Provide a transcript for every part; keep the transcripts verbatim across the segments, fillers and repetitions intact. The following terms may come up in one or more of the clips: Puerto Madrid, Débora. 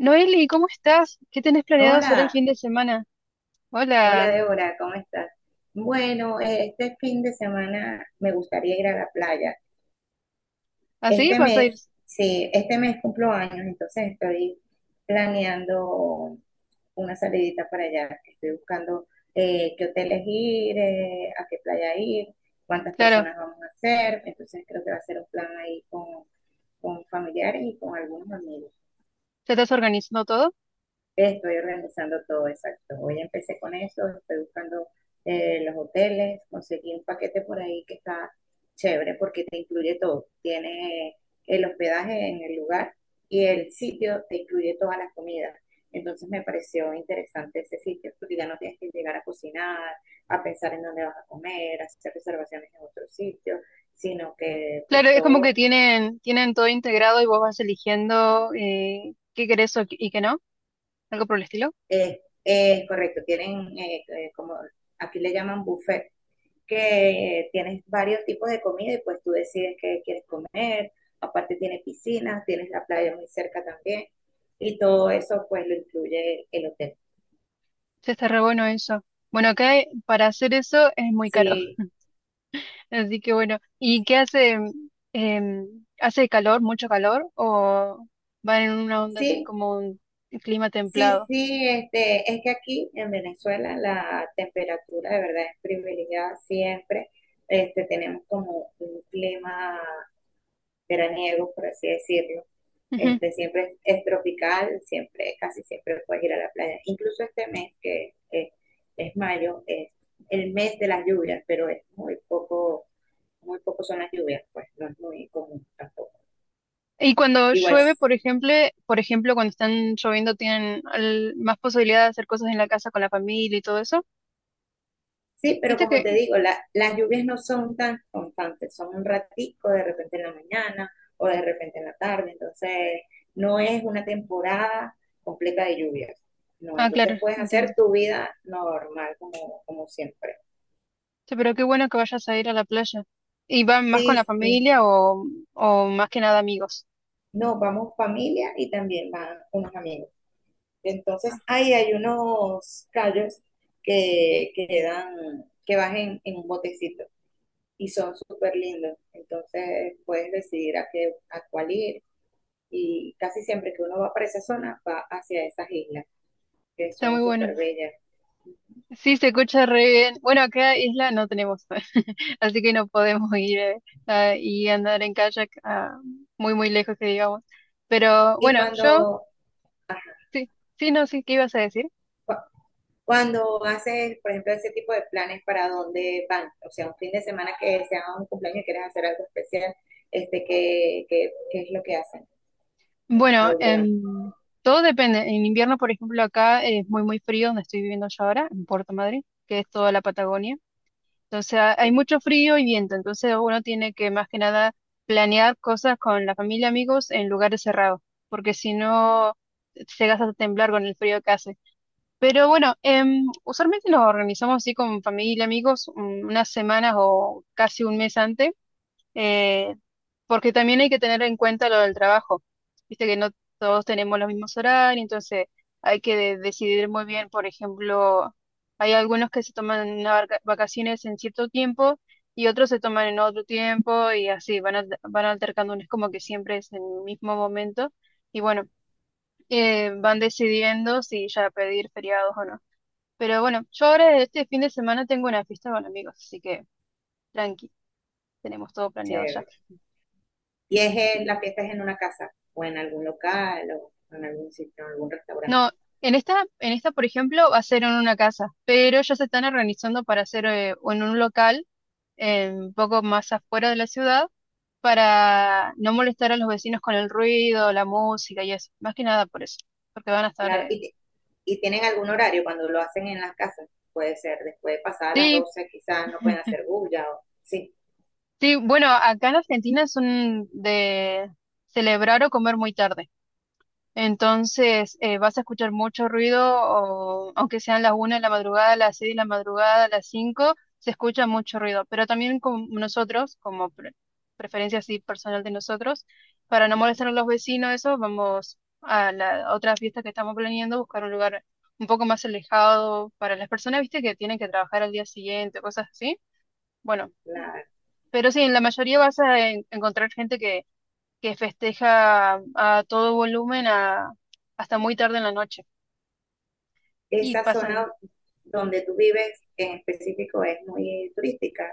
Noeli, ¿cómo estás? ¿Qué tenés planeado hacer el Hola, fin de semana? Hola, hola Débora, ¿cómo estás? Bueno, eh, este fin de semana me gustaría ir a la playa. ¿así Este vas a mes, ir? sí, este mes cumplo años, entonces estoy planeando una salidita para allá. Estoy buscando eh, qué hoteles ir, eh, a qué playa ir, cuántas Claro, personas vamos a ser. Entonces creo que va a ser un plan ahí con, con familiares y con algunos amigos. ¿te estás organizando todo? Estoy organizando todo, exacto. Hoy empecé con eso, estoy buscando eh, los hoteles, conseguí un paquete por ahí que está chévere porque te incluye todo. Tiene el hospedaje en el lugar y el sitio te incluye todas las comidas. Entonces me pareció interesante ese sitio porque ya no tienes que llegar a cocinar, a pensar en dónde vas a comer, a hacer reservaciones en otro sitio, sino que pues Claro, es como que todo tienen, tienen todo integrado y vos vas eligiendo eh, qué querés o qué- y qué no, algo por el estilo. es, es correcto. Tienen eh, eh, como aquí le llaman buffet que tienes varios tipos de comida y pues tú decides qué quieres comer. Aparte tiene piscinas, tienes la playa muy cerca también y todo eso pues lo incluye el hotel. Ya está re bueno eso. Bueno, acá eh, para hacer eso es muy caro, Sí, así que bueno. ¿Y qué hace? Em, ¿hace calor, mucho calor? ¿O van en una onda así sí. como un clima Sí, templado? sí, este, es que aquí en Venezuela la temperatura de verdad es privilegiada siempre. Este, tenemos como un clima veraniego, por así decirlo. Este, siempre es, es tropical, siempre, casi siempre puedes ir a la playa. Incluso este mes, que eh, es mayo, es el mes de las lluvias, pero es muy poco, muy poco son las lluvias, pues no es muy común tampoco. Y cuando Igual llueve, por ejemplo, por ejemplo, cuando están lloviendo tienen al- más posibilidad de hacer cosas en la casa con la familia y todo eso. sí, pero ¿Viste como que? te digo, la- las lluvias no son tan constantes, son un ratico, de repente en la mañana o de repente en la tarde, entonces no es una temporada completa de lluvias, no, Ah, claro, entonces puedes hacer entiendo. tu vida normal como, como siempre. Sí, pero qué bueno que vayas a ir a la playa. ¿Y van más con la Sí, sí, familia o, o más que nada amigos? no, vamos familia y también van unos amigos. Ah, Entonces ahí hay unos callos que, que quedan, que bajen en en un botecito. Y son súper lindos. Entonces puedes decidir a, qué, a cuál ir y casi siempre que uno va para esa zona va hacia esas islas que está son muy bueno. súper bellas. Sí, se escucha re bien. Bueno, acá isla no tenemos, así que no podemos ir eh, a- y andar en kayak ah, muy, muy lejos que digamos. Pero Y bueno, yo, cuando, sí, sí, no sé qué ibas a decir. cu- Cuando haces, por ejemplo, ese tipo de planes, ¿para dónde van? O sea, un fin de semana que sea un cumpleaños y quieres hacer algo especial, este, ¿qué, qué, qué es lo que hacen? ¿A Bueno, dónde van? em, todo depende. En invierno, por ejemplo, acá es muy, muy frío, donde estoy viviendo yo ahora, en Puerto Madrid, que es toda la Patagonia. Entonces ha- hay Qué mucho frío y viento, entonces uno tiene que más que nada planear cosas con la familia, amigos, en lugares cerrados, porque si no, llegas a temblar con el frío que hace. Pero bueno, em, usualmente nos organizamos así con familia, amigos, un- unas semanas o casi un mes antes eh, porque también hay que tener en cuenta lo del trabajo. Viste que no todos tenemos los mismos horarios, entonces hay que de- decidir muy bien, por ejemplo, hay algunos que se toman una vaca- vacaciones en cierto tiempo y otros se toman en otro tiempo y así van, al- van altercando, no es como que siempre es en el mismo momento y bueno, eh, van decidiendo si ya pedir feriados o no. Pero bueno, yo ahora este fin de semana tengo una fiesta con amigos, así que tranqui, tenemos todo planeado ya. Chévere. ¿Y es en, la fiesta es en una casa o en algún local o en algún sitio, en algún No, restaurante? en esta, en esta, por ejemplo, va a ser en una casa, pero ya se están organizando para hacer eh, en un local eh, un poco más afuera de la ciudad para no molestar a los vecinos con el ruido, la música y eso. Más que nada por eso, porque van a estar... Claro, eh, y, y tienen algún horario cuando lo hacen en las casas. Puede ser después de pasadas las Sí, doce quizás no pueden hacer bulla o sí. sí, bueno, acá en Argentina son de celebrar o comer muy tarde. Entonces, eh, vas a escuchar mucho ruido, o, aunque sean las una de la madrugada, las seis de la madrugada, las cinco se escucha mucho ruido. Pero también con nosotros, como pre- preferencia así personal de nosotros, para no molestar a los vecinos, eso, vamos a la otra fiesta que estamos planeando, buscar un lugar un poco más alejado para las personas, viste, que tienen que trabajar al día siguiente, cosas así. Bueno, La, pero sí, en la mayoría vas a en- encontrar gente que festeja a todo volumen a- hasta muy tarde en la noche. Y Esa zona pasan. donde tú vives en específico es muy turística.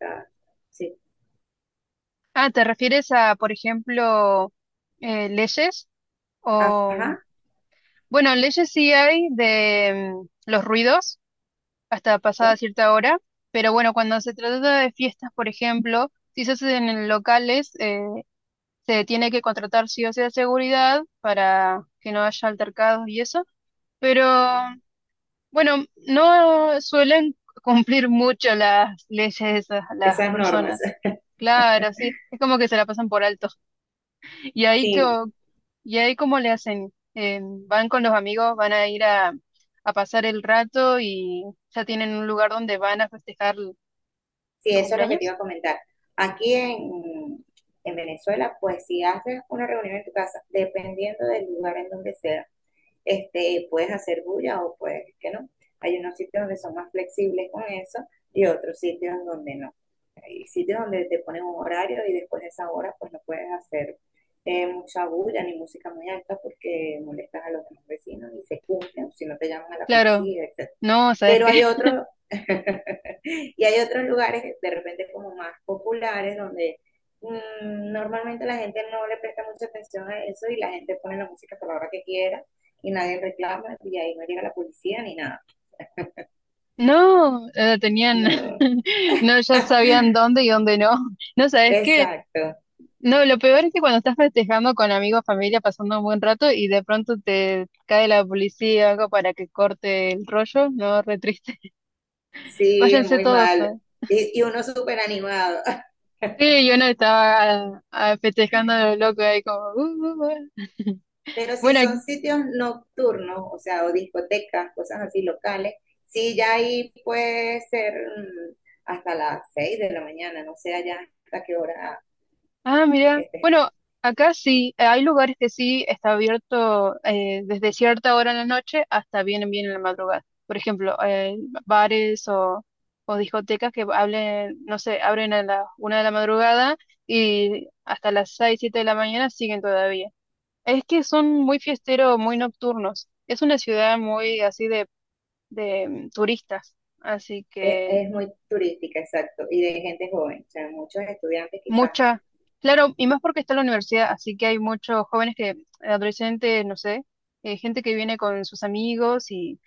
Ah, sí. Ah, ¿te refieres a, por ejemplo, eh, leyes? O, Ajá, bueno, leyes sí hay de mm, los ruidos hasta okay. pasada cierta hora, pero bueno, cuando se trata de fiestas, por ejemplo, si se hacen en locales, eh, se tiene que contratar sí o sí a seguridad para que no haya altercados y eso. Pero bueno, no suelen cumplir mucho las leyes esas, las Esas normas. personas. Claro, sí, es como que se la pasan por alto. ¿Y ahí, que Sí, y ahí cómo le hacen? Eh, ¿van con los amigos, van a ir a, a pasar el rato y ya tienen un lugar donde van a festejar tu sí, eso es lo que te iba cumpleaños? a comentar. Aquí en, en Venezuela, pues si haces una reunión en tu casa, dependiendo del lugar en donde sea, este, puedes hacer bulla o puedes que no. Hay unos sitios donde son más flexibles con eso y otros sitios donde no. Hay sitios donde te ponen un horario y después de esa hora pues no puedes hacer eh, mucha bulla ni música muy alta porque molestas a los demás vecinos y se cumplen si no te llaman a la Claro, policía, etcétera. no, ¿sabes Pero qué? hay otros. Y hay otros lugares de repente como más populares donde mm, normalmente la gente no le presta mucha atención a eso y la gente pone la música por la hora que quiera y nadie reclama y ahí no llega la policía ni nada. No, eh, tenían, No. no, ya sabían dónde y dónde no. No, ¿sabes qué? Exacto. No, lo peor es que cuando estás festejando con amigos, familia, pasando un buen rato y de pronto te cae la policía o algo para que corte el rollo, no, re triste. Sí, Váyanse muy todos, mal. ¿sabes? Y, y uno súper animado. Sí, yo no estaba ah, festejando a lo loco ahí como... "Uh, uh, uh". Pero si Bueno, son sitios nocturnos, o sea, o discotecas, cosas así locales, sí, ya ahí puede ser mm, hasta las seis de la mañana, no sé allá hasta qué hora, ah, mira. este. Bueno, acá sí, eh, hay lugares que sí está abierto eh, desde cierta hora en la noche hasta bien bien en la madrugada. Por ejemplo, eh, bares o, o discotecas que hablen, no sé, abren a las una de la madrugada y hasta las seis, siete de la mañana siguen todavía. Es que son muy fiesteros, muy nocturnos. Es una ciudad muy así de, de mm, turistas, así Es, que es muy turística, exacto, y de gente joven, o sea, muchos estudiantes quizás. mucha, claro, y más porque está la universidad, así que hay muchos jóvenes que, eh, adolescentes, no sé, eh, gente que viene con sus amigos y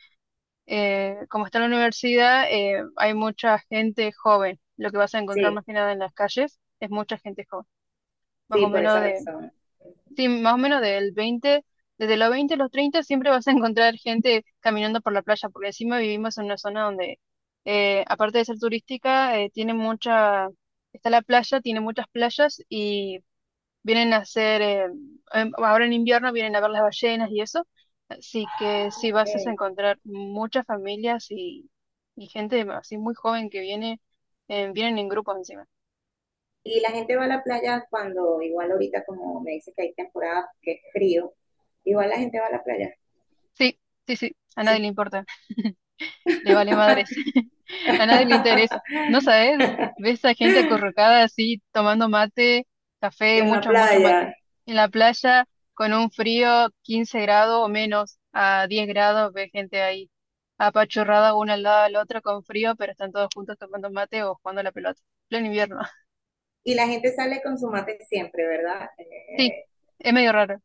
eh, como está la universidad, eh, hay mucha gente joven. Lo que vas a encontrar más Sí, que nada en las calles es mucha gente joven, más sí, o por esa menos de, razón. Ujú. sí, más o menos del veinte desde los veinte a los treinta siempre vas a encontrar gente caminando por la playa, porque encima vivimos en una zona donde, eh, aparte de ser turística, eh, tiene mucha... está la playa, tiene muchas playas y Vienen a hacer, eh, em, ahora en invierno vienen a ver las ballenas y eso. Así que sí, vas a Ok. encontrar muchas familias y, y gente así muy joven que viene, eh, vienen en grupos encima. Y la gente va a la playa cuando, igual ahorita como me dice que hay temporada que es frío, igual la gente va a la playa, Sí, sí, sí, a nadie sí. le importa. Le vale madres. A nadie le interesa. No sabes, ves a gente acurrucada así, tomando mate, café, En la mucho, mucho mate. playa. En la playa, con un frío quince grados o menos, a diez grados, ves gente ahí, apachurrada una al lado de la otra con frío, pero están todos juntos tomando mate o jugando a la pelota. Pleno invierno. Y la gente sale con su mate siempre, ¿verdad? Sí, Eh, es medio raro.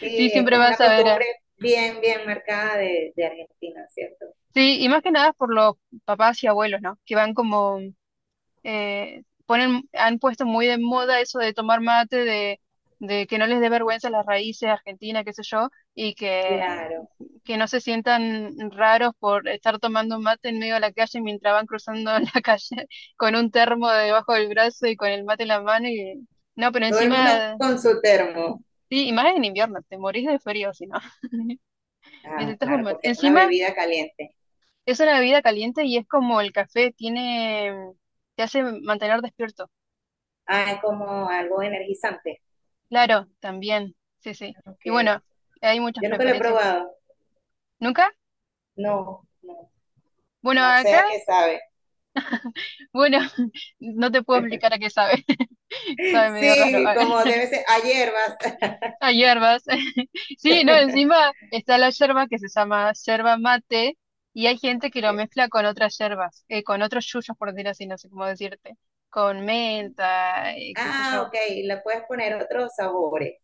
sí, Sí, es siempre como una vas a ver. costumbre a- bien, bien marcada de, de Argentina, ¿cierto? Sí, y más que nada por los papás y abuelos, ¿no? Que van como eh, ponen, han puesto muy de moda eso de tomar mate, de, de que no les dé vergüenza las raíces argentinas, qué sé yo, y que, Claro. que no se sientan raros por estar tomando mate en medio de la calle mientras van cruzando la calle con un termo debajo del brazo y con el mate en la mano. Y, no, pero Todo el mundo encima, con su termo. sí, y más en invierno, te morís de frío si no, Ah, necesitas un claro, mate. porque es una Encima bebida caliente. es una bebida caliente y es como el café, tiene, te hace mantener despierto. Ah, es como algo energizante. Claro, también, sí, sí. Y Okay. bueno, hay muchas Yo nunca lo he preferencias. probado. ¿Nunca? No, no, Bueno, no sé acá, a qué sabe. bueno, no te puedo explicar a qué sabe, sabe medio raro, Sí, a, como debe ser a hierbas. a hierbas. Sí, no, encima está la yerba que se llama yerba mate y hay gente que lo Ok. mezcla con otras yerbas, eh, con otros yuyos, por decir así, no sé cómo decirte, con menta, eh, qué sé Ah, yo. ok, le puedes poner otros sabores.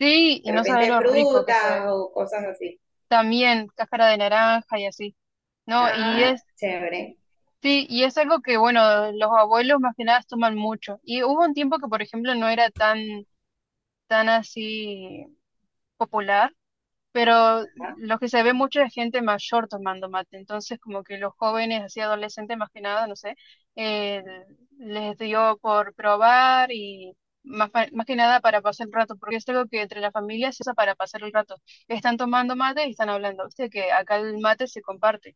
Sí, De y no sabe repente lo rico que sabe. fruta o cosas así. También cáscara de naranja y así. No, y Ah, es chévere. Sí, y es algo que, bueno, los abuelos más que nada toman mucho. Y hubo un tiempo que, por ejemplo, no era tan, tan así popular, pero Ajá. lo que se ve mucho es gente mayor tomando mate. Entonces, como que los jóvenes, así adolescentes más que nada, no sé, eh, les dio por probar y más, pa- más que nada para pasar el rato, porque es algo que entre las familias se usa para pasar el rato. Están tomando mate y están hablando. Viste que acá el mate se comparte.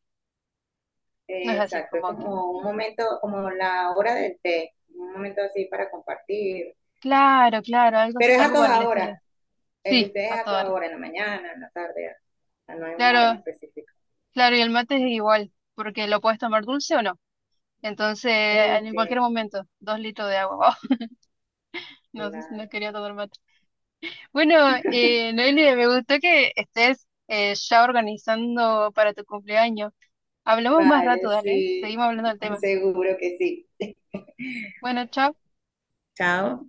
No es así Exacto, es como que como un momento, como la hora del té, un momento así para compartir. claro, claro, algo, así- Pero es a algo por el toda estilo. hora. El de Sí, ustedes a a toda toda hora. hora, en la mañana, en la tarde, no hay una hora en Claro, específica. claro, y el mate es igual, porque lo puedes tomar dulce o no. Entonces, Ok, en cualquier momento, dos litros de agua. no, sé si no claro. quería tomar mate. Bueno, eh, Noelia, me gustó que estés eh, ya organizando para tu cumpleaños. Hablamos más rato, Vale, dale. sí, Seguimos hablando del tema. seguro que sí. Bueno, chao. Chao.